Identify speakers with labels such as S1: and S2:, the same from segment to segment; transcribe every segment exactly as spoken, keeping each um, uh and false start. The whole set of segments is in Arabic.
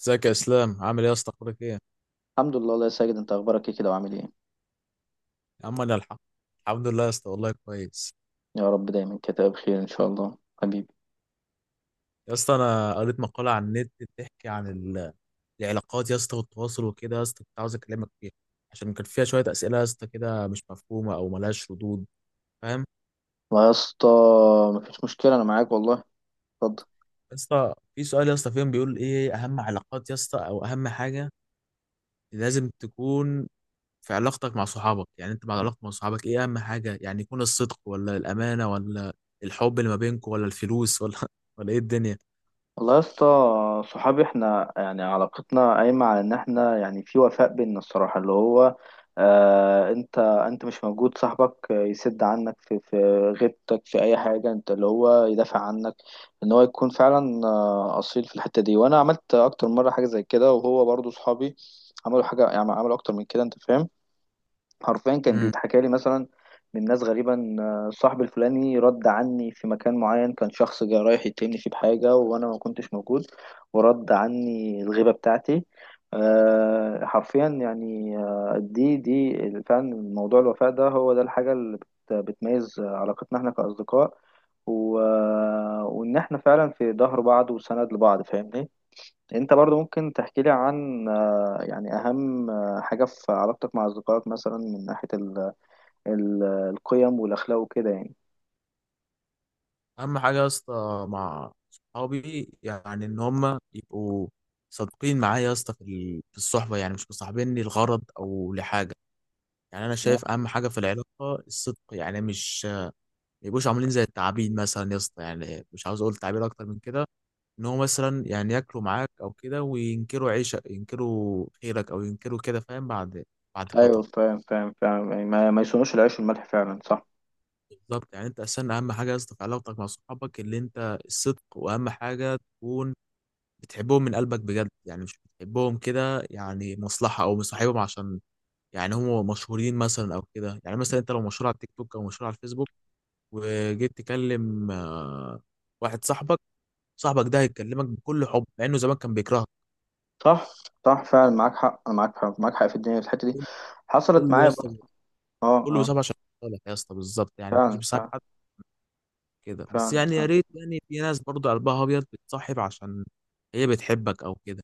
S1: ازيك يا اسلام؟ عامل ايه يا اسطى؟ اخبارك ايه يا
S2: الحمد لله، الله يا ساجد، انت اخبارك ايه كده وعامل ايه؟
S1: عم؟ انا الحمد الحمد لله يا اسطى، والله كويس.
S2: يا رب دايما كده بخير ان شاء الله حبيبي.
S1: يا اسطى، انا قريت مقاله على النت بتحكي عن ال- العلاقات يا اسطى والتواصل وكده، يا اسطى كنت عاوز اكلمك فيها عشان كان فيها شويه اسئله يا اسطى كده مش مفهومه او ملهاش ردود، فاهم؟
S2: والله يا اسطى مفيش مشكله، انا معاك والله. اتفضل.
S1: يا اسطى في سؤال يا اسطى فيهم بيقول ايه اهم علاقات يا اسطى او اهم حاجه لازم تكون في علاقتك مع صحابك، يعني انت مع علاقتك مع صحابك ايه اهم حاجه؟ يعني يكون الصدق ولا الامانه ولا الحب اللي ما بينكم ولا الفلوس ولا ولا ايه الدنيا؟
S2: والله يا اسطى، صحابي احنا يعني علاقتنا قايمه على ان احنا يعني في وفاء بينا، الصراحه اللي هو آه انت انت مش موجود، صاحبك يسد عنك في في غيبتك في اي حاجه، انت اللي هو يدافع عنك، ان هو يكون فعلا آه، اصيل في الحته دي. وانا عملت اكتر مره حاجه زي كده، وهو برضو صحابي عملوا حاجه، يعني عملوا اكتر من كده، انت فاهم. حرفيا كان بيتحكى لي مثلا من ناس غريبا آه، صاحبي الفلاني رد عني في مكان معين، كان شخص جاي رايح يتهمني فيه بحاجة وأنا ما كنتش موجود، ورد عني الغيبة بتاعتي. آه، حرفيا يعني آه، دي دي فعلا موضوع الوفاء ده، هو ده الحاجة اللي بت- بتميز علاقتنا احنا كأصدقاء. و... وإن احنا فعلا في ظهر بعض وسند لبعض، فاهمني. انت برضو ممكن تحكي لي عن آه، يعني اهم آه، حاجة في علاقتك مع اصدقائك مثلا من ناحية ال ال القيم والاخلاق وكده يعني.
S1: اهم حاجه يا اسطى مع صحابي يعني ان هم يبقوا صادقين معايا يا اسطى في ال- في الصحبه، يعني مش مصاحبيني لغرض او لحاجه. يعني انا
S2: تمام.
S1: شايف اهم حاجه في العلاقه الصدق، يعني مش ما يبقوش عاملين زي التعابين مثلا يا اسطى، يعني مش عاوز اقول تعابير اكتر من كده، ان هو مثلا يعني ياكلوا معاك او كده وينكروا عيشك، ينكروا خيرك او ينكروا كده، فاهم؟ بعد بعد
S2: ايوه،
S1: فتره.
S2: فاهم فاهم فاهم، يعني ما, ما يصونوش العيش والملح، فعلا صح.
S1: بالظبط، يعني انت اصلا اهم حاجه يا اسطى في علاقتك مع صحابك اللي انت الصدق، واهم حاجه تكون بتحبهم من قلبك بجد، يعني مش بتحبهم كده يعني مصلحة او مصاحبهم عشان يعني هم مشهورين مثلا او كده. يعني مثلا انت لو مشهور على التيك توك او مشهور على الفيسبوك وجيت تكلم آه، واحد صاحبك صاحبك ده هيكلمك بكل حب مع انه زمان كان بيكرهك.
S2: صح صح، فعلا معاك حق معاك حق معاك حق في الدنيا في الحتة دي. حصلت
S1: كله يا
S2: معايا
S1: اسطى،
S2: برضه. اه
S1: كله
S2: اه.
S1: بيصاحب عشان لك يا اسطى، بالظبط يعني محدش
S2: فعلا
S1: بيصاحب
S2: فعلا.
S1: حد كده بس،
S2: فعلا
S1: يعني يا
S2: فعلا.
S1: ريت. يعني في ناس برضه قلبها ابيض بتصاحب عشان هي بتحبك او كده.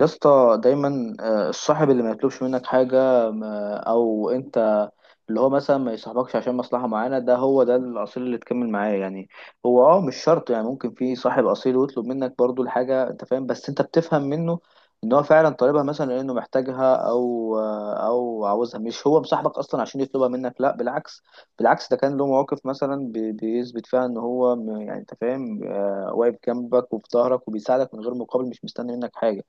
S2: يا اسطى دايما آه، الصاحب اللي ما يطلبش منك حاجة، ما- او انت اللي هو مثلا ما يصاحبكش عشان مصلحة معانا، ده هو ده الأصيل اللي تكمل معاه يعني. هو اه مش شرط، يعني ممكن في صاحب أصيل ويطلب منك برضو الحاجة، انت فاهم، بس انت بتفهم منه ان هو فعلا طالبها مثلا لانه محتاجها او آه، او عاوزها، مش هو مصاحبك اصلا عشان يطلبها منك، لا بالعكس بالعكس. ده كان له مواقف مثلا بي- بيثبت فيها ان هو م- يعني انت فاهم، آه، واقف جنبك وفي ظهرك وبيساعدك من غير مقابل، مش مستني منك حاجة.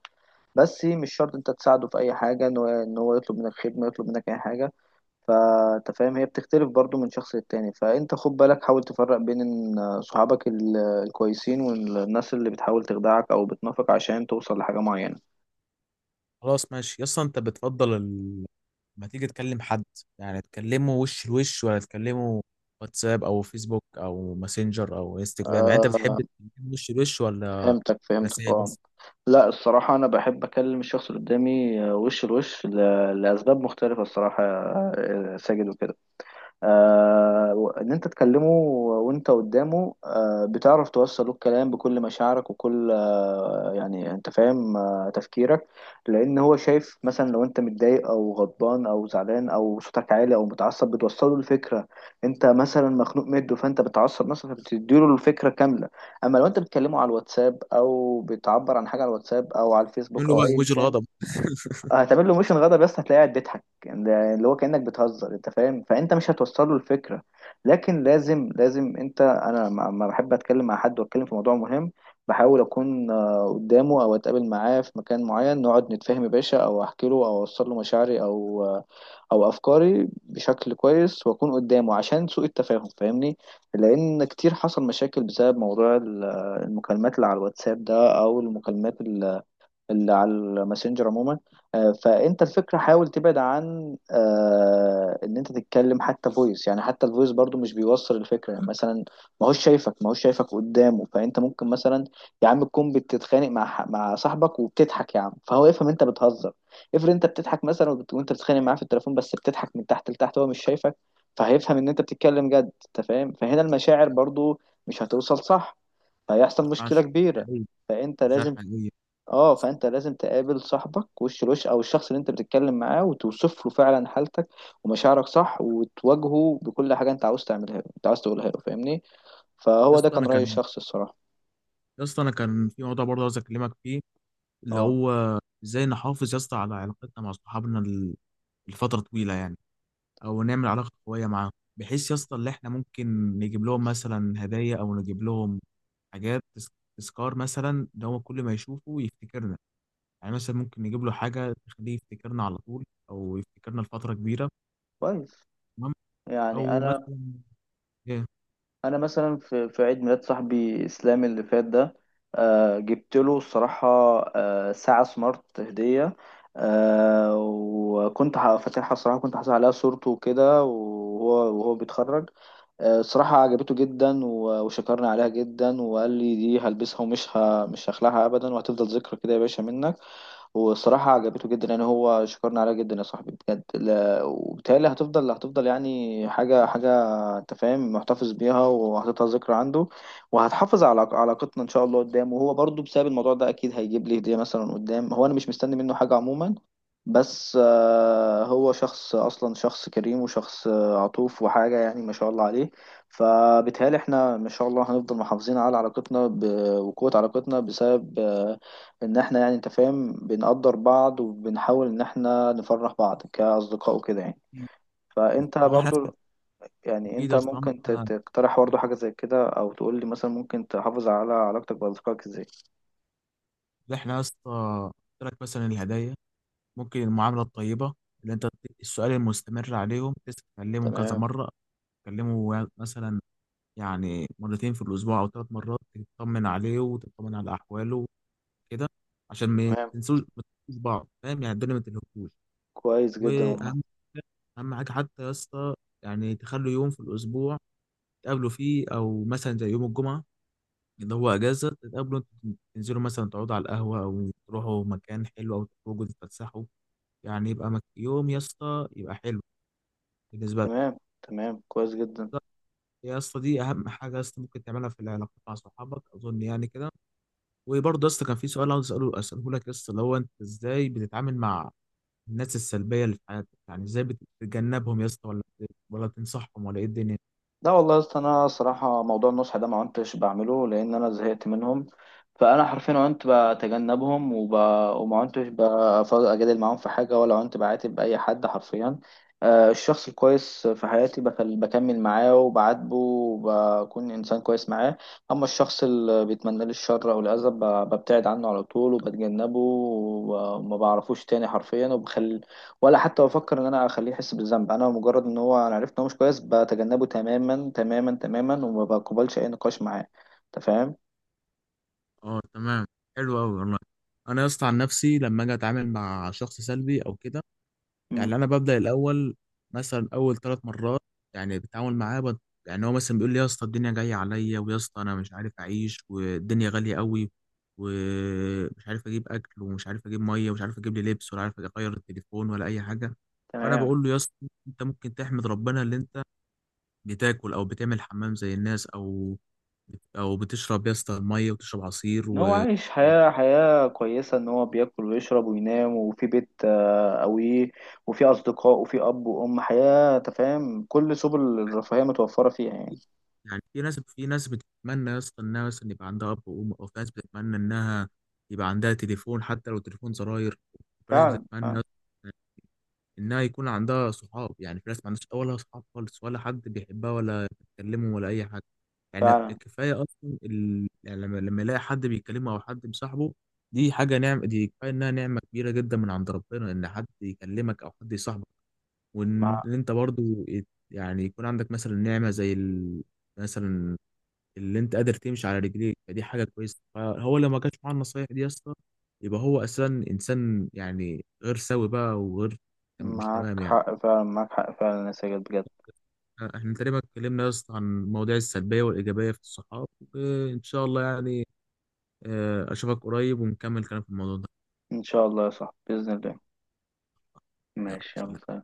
S2: بس إيه، مش شرط انت تساعده في اي حاجه ان هو ان هو يطلب منك خدمه، يطلب منك اي حاجه، فانت فاهم هي بتختلف برضو من شخص للتاني. فانت خد بالك، حاول تفرق بين ان صحابك ال- الكويسين، والناس اللي بتحاول تخدعك او بتنافق عشان توصل لحاجه معينه.
S1: خلاص ماشي يا اسطى، انت بتفضل ما تيجي تكلم حد يعني تكلمه وش لوش، ولا تكلمه واتساب او فيسبوك او ماسنجر او انستجرام؟ يعني انت
S2: آه،
S1: بتحب تكلمه وش لوش ولا
S2: فهمتك فهمتك،
S1: رسائل
S2: اه.
S1: بس؟
S2: لا الصراحه انا بحب اكلم الشخص اللي قدامي آه، وش لوش ل- لاسباب مختلفه الصراحه، آه، آه، ساجد وكده، آه، ان انت تكلمه وانت قدامه آه، بتعرف توصل له الكلام بكل مشاعرك وكل آه، يعني انت فاهم آه، تفكيرك. لان هو شايف مثلا لو انت متضايق او غضبان او زعلان او صوتك عالي او متعصب، بتوصل له الفكره انت مثلا مخنوق مده، فانت بتعصب مثلا فبتديله الفكره كامله. اما لو انت بتكلمه على الواتساب او بتعبر عن حاجه على الواتساب او على
S1: تقول
S2: الفيسبوك
S1: له
S2: او
S1: بقى
S2: ايا
S1: وجه
S2: كان،
S1: الغضب.
S2: هتعمل له ميشن غضب بس هتلاقيه قاعد بيضحك، يعني ده اللي هو كأنك بتهزر انت فاهم، فانت مش هتوصل له الفكره. لكن لازم لازم انت انا لما لما بحب اتكلم مع حد واتكلم في موضوع مهم، بحاول اكون آه، قدامه او اتقابل معاه في مكان معين نقعد نتفاهم يا باشا، او احكي له او اوصل له مشاعري او آه، او افكاري بشكل كويس، واكون قدامه عشان سوء التفاهم، فاهمني. لان كتير حصل مشاكل بسبب موضوع ال- آه، المكالمات اللي على الواتساب ده، او المكالمات اللي على الماسنجر عموما. آه، فانت الفكره حاول تبعد عن آه، ان انت تتكلم حتى فويس، يعني حتى الفويس برضو مش بيوصل الفكره، يعني مثلا ما هوش شايفك ما هوش شايفك قدامه. فانت ممكن مثلا يا عم تكون بتتخانق مع ح- مع صاحبك وبتضحك يا عم، فهو يفهم انت بتهزر. افرض انت بتضحك مثلا وبت- وانت بتتخانق معاه في التليفون بس بتضحك من تحت لتحت، هو مش شايفك فهيفهم ان انت بتتكلم جد، انت فاهم، فهنا المشاعر برضو مش هتوصل، صح؟
S1: مش
S2: فهيحصل مشكله
S1: ينفعش
S2: كبيره.
S1: حقيقي،
S2: فانت
S1: جرح
S2: لازم
S1: حقيقي.
S2: اه فانت لازم تقابل صاحبك وش لوش، او الشخص اللي انت بتتكلم معاه، وتوصف له فعلا حالتك ومشاعرك، صح، وتواجهه بكل حاجه انت عاوز تعملها له، انت عاوز تقولها له، فاهمني.
S1: يا
S2: فهو ده
S1: اسطى
S2: كان
S1: انا
S2: راي
S1: كان
S2: الشخص الصراحه.
S1: يا اسطى انا كان في موضوع برضه عاوز اكلمك فيه، اللي
S2: اه
S1: هو ازاي نحافظ يا اسطى على علاقتنا مع صحابنا ال- لفتره طويله يعني، او نعمل علاقه قويه معاهم بحيث يا اسطى اللي احنا ممكن نجيب لهم مثلا هدايا او نجيب لهم حاجات تس- تذكار مثلا، ده هو كل ما يشوفه يفتكرنا. يعني مثلا ممكن نجيب له حاجة تخليه يفتكرنا على طول، أو يفتكرنا لفترة كبيرة.
S2: كويس،
S1: تمام.
S2: يعني
S1: أو
S2: انا
S1: مثلا إيه؟
S2: انا مثلا في في عيد ميلاد صاحبي اسلام اللي فات ده، آه جبت له الصراحه آه ساعه سمارت هديه. آه وكنت ه- فاتحها، الصراحه كنت حاطط عليها صورته وكده، وهو وهو بيتخرج. آه، الصراحة عجبته جدا و- وشكرني عليها جدا، وقال لي دي هلبسها ومش ه... مش هخلعها أبدا، وهتفضل ذكرى كده يا باشا منك. والصراحة عجبته جدا، يعني هو شكرني عليها جدا يا صاحبي بجد. لا... وبالتالي هتفضل هتفضل يعني حاجة حاجة أنت فاهم، محتفظ بيها وهتفضل ذكرى عنده. وهتحافظ على علاقتنا إن شاء الله قدام، وهو برضو بسبب الموضوع ده أكيد هيجيب لي هدية مثلا قدام، هو أنا مش مستني منه حاجة عموما، بس آه، هو شخص اصلا، شخص كريم، وشخص آه، عطوف وحاجه يعني ما شاء الله عليه. فبالتهيألي احنا ما شاء الله هنفضل محافظين على علاقتنا ب... وقوه علاقتنا بسبب آه، ان احنا يعني انت فاهم بنقدر بعض وبنحاول ان احنا نفرح بعض كاصدقاء وكده يعني. فانت
S1: طالما إحنا
S2: برضو يعني
S1: أكيد
S2: انت
S1: يا اسطى، طالما
S2: ممكن ت-
S1: إحنا
S2: تقترح برضو حاجه زي كده، او تقول لي مثلا ممكن تحافظ على علاقتك باصدقائك ازاي.
S1: إحنا يا اسطى، قلت لك مثلا الهدايا، ممكن المعاملة الطيبة اللي أنت بت- السؤال المستمر عليهم، تتكلمه كذا
S2: تمام
S1: مرة، تكلمه مثلا يعني مرتين في الأسبوع أو ثلاث مرات، تطمن عليه وتطمن على أحواله كده عشان ما
S2: تمام،
S1: تنسوش ما تنسوش بعض، فاهم؟ يعني الدنيا ما تنهكوش.
S2: كويس جدا والله.
S1: واهم حاجة- اهم حاجه حتى يا اسطى، يعني تخلوا يوم في الاسبوع تقابلوا فيه، او مثلا زي يوم الجمعه اللي هو اجازه تتقابلوا انتوا، تنزلوا مثلا تقعدوا على القهوه او تروحوا مكان حلو او تخرجوا تتفسحوا. يعني يبقى مك... يوم يا اسطى يبقى حلو بالنسبه لك.
S2: تمام تمام، كويس جدا.
S1: يا اسطى دي اهم حاجه يا اسطى ممكن تعملها في العلاقات مع صحابك اظن، يعني كده. وبرضه يا اسطى كان في سؤال عاوز اساله اساله لك يا اسطى، اللي هو انت ازاي بتتعامل مع الناس السلبية اللي في حياتك، يعني ازاي بتتجنبهم يا اسطى ولا بت- ولا تنصحهم ولا ايه الدنيا؟
S2: لا والله يا اسطى، انا صراحه موضوع النصح ده ما عدتش بعمله لان انا زهقت منهم. فانا حرفيا عنت بتجنبهم وب... وما عدتش بف- اجادل معاهم في حاجه، ولا عنت بعاتب اي حد حرفيا. آه، الشخص الكويس في حياتي بكل... بكمل معاه وبعاتبه وبكون انسان كويس معاه. اما الشخص اللي بيتمنى لي الشر او الاذى ب... ببتعد عنه على طول وبتجنبه، وما بعرفوش تاني حرفيا، وبخلي، ولا حتى بفكر ان انا اخليه يحس بالذنب. انا مجرد ان هو انا عرفت ان هو مش كويس بتجنبه تماما تماما تماما، وما بقبلش اي نقاش معاه، انت فاهم.
S1: اه تمام، حلو قوي والله. انا يا اسطى عن نفسي لما اجي اتعامل مع شخص سلبي او كده،
S2: امم،
S1: يعني انا ببدأ الاول مثلا اول ثلاث مرات يعني بتعامل معاه بد... يعني هو مثلا بيقول لي يا اسطى الدنيا جاية عليا، ويا اسطى انا مش عارف اعيش والدنيا غالية قوي، ومش عارف اجيب اكل ومش عارف اجيب ميه ومش عارف اجيب لي لبس ولا عارف اغير التليفون ولا اي حاجه. فانا
S2: تمام.
S1: بقول له يا اسطى انت ممكن تحمد ربنا اللي انت بتاكل او بتعمل حمام زي الناس، او او بتشرب يا اسطى ميه وتشرب عصير،
S2: ان
S1: و
S2: هو عايش
S1: يعني
S2: حياة حياة كويسة، ان هو بياكل ويشرب وينام، وفي بيت آه، قوي، وفي اصدقاء وفي اب وام، حياة انت فاهم، كل سبل الرفاهية متوفرة فيها يعني.
S1: يعني في ناس في ناس بتتمنى يا اسطى انها مثلا يبقى عندها اب وام، او في ناس بتتمنى انها يبقى عندها تليفون حتى لو تليفون زراير، في ناس
S2: فعلا فعلا.
S1: بتتمنى انها يكون عندها صحاب. يعني في ناس ما عندهاش ولا صحاب خالص ولا حد بيحبها ولا بتكلمه ولا اي حاجه. يعني
S2: فعلا
S1: كفايه اصلا ال... يعني لما لما يلاقي حد بيكلمه او حد مصاحبه، دي حاجه نعمه، دي كفايه انها نعمه كبيره جدا من عند ربنا ان حد يكلمك او حد يصاحبك. وان
S2: مع-
S1: إن انت برضو يت- يعني يكون عندك مثلا نعمه زي ال... مثلا اللي انت قادر تمشي على رجليك، فدي حاجه كويسه. فهو لما جاش معاه النصايح دي يا اسطى، يبقى هو اساسا انسان يعني غير سوي بقى وغير، مش
S2: معاك
S1: تمام يعني؟
S2: حق، فعلا معاك حق فعلا يا ساجد بجد.
S1: احنا تقريبا اتكلمنا يا اسطى عن المواضيع السلبية والإيجابية في الصحاب، وإن شاء الله يعني آه، أشوفك قريب ونكمل كلام في الموضوع ده.
S2: ان شاء الله يا صاحبي باذن الله.
S1: يلا
S2: ماشي، يلا
S1: سلام.
S2: سلام.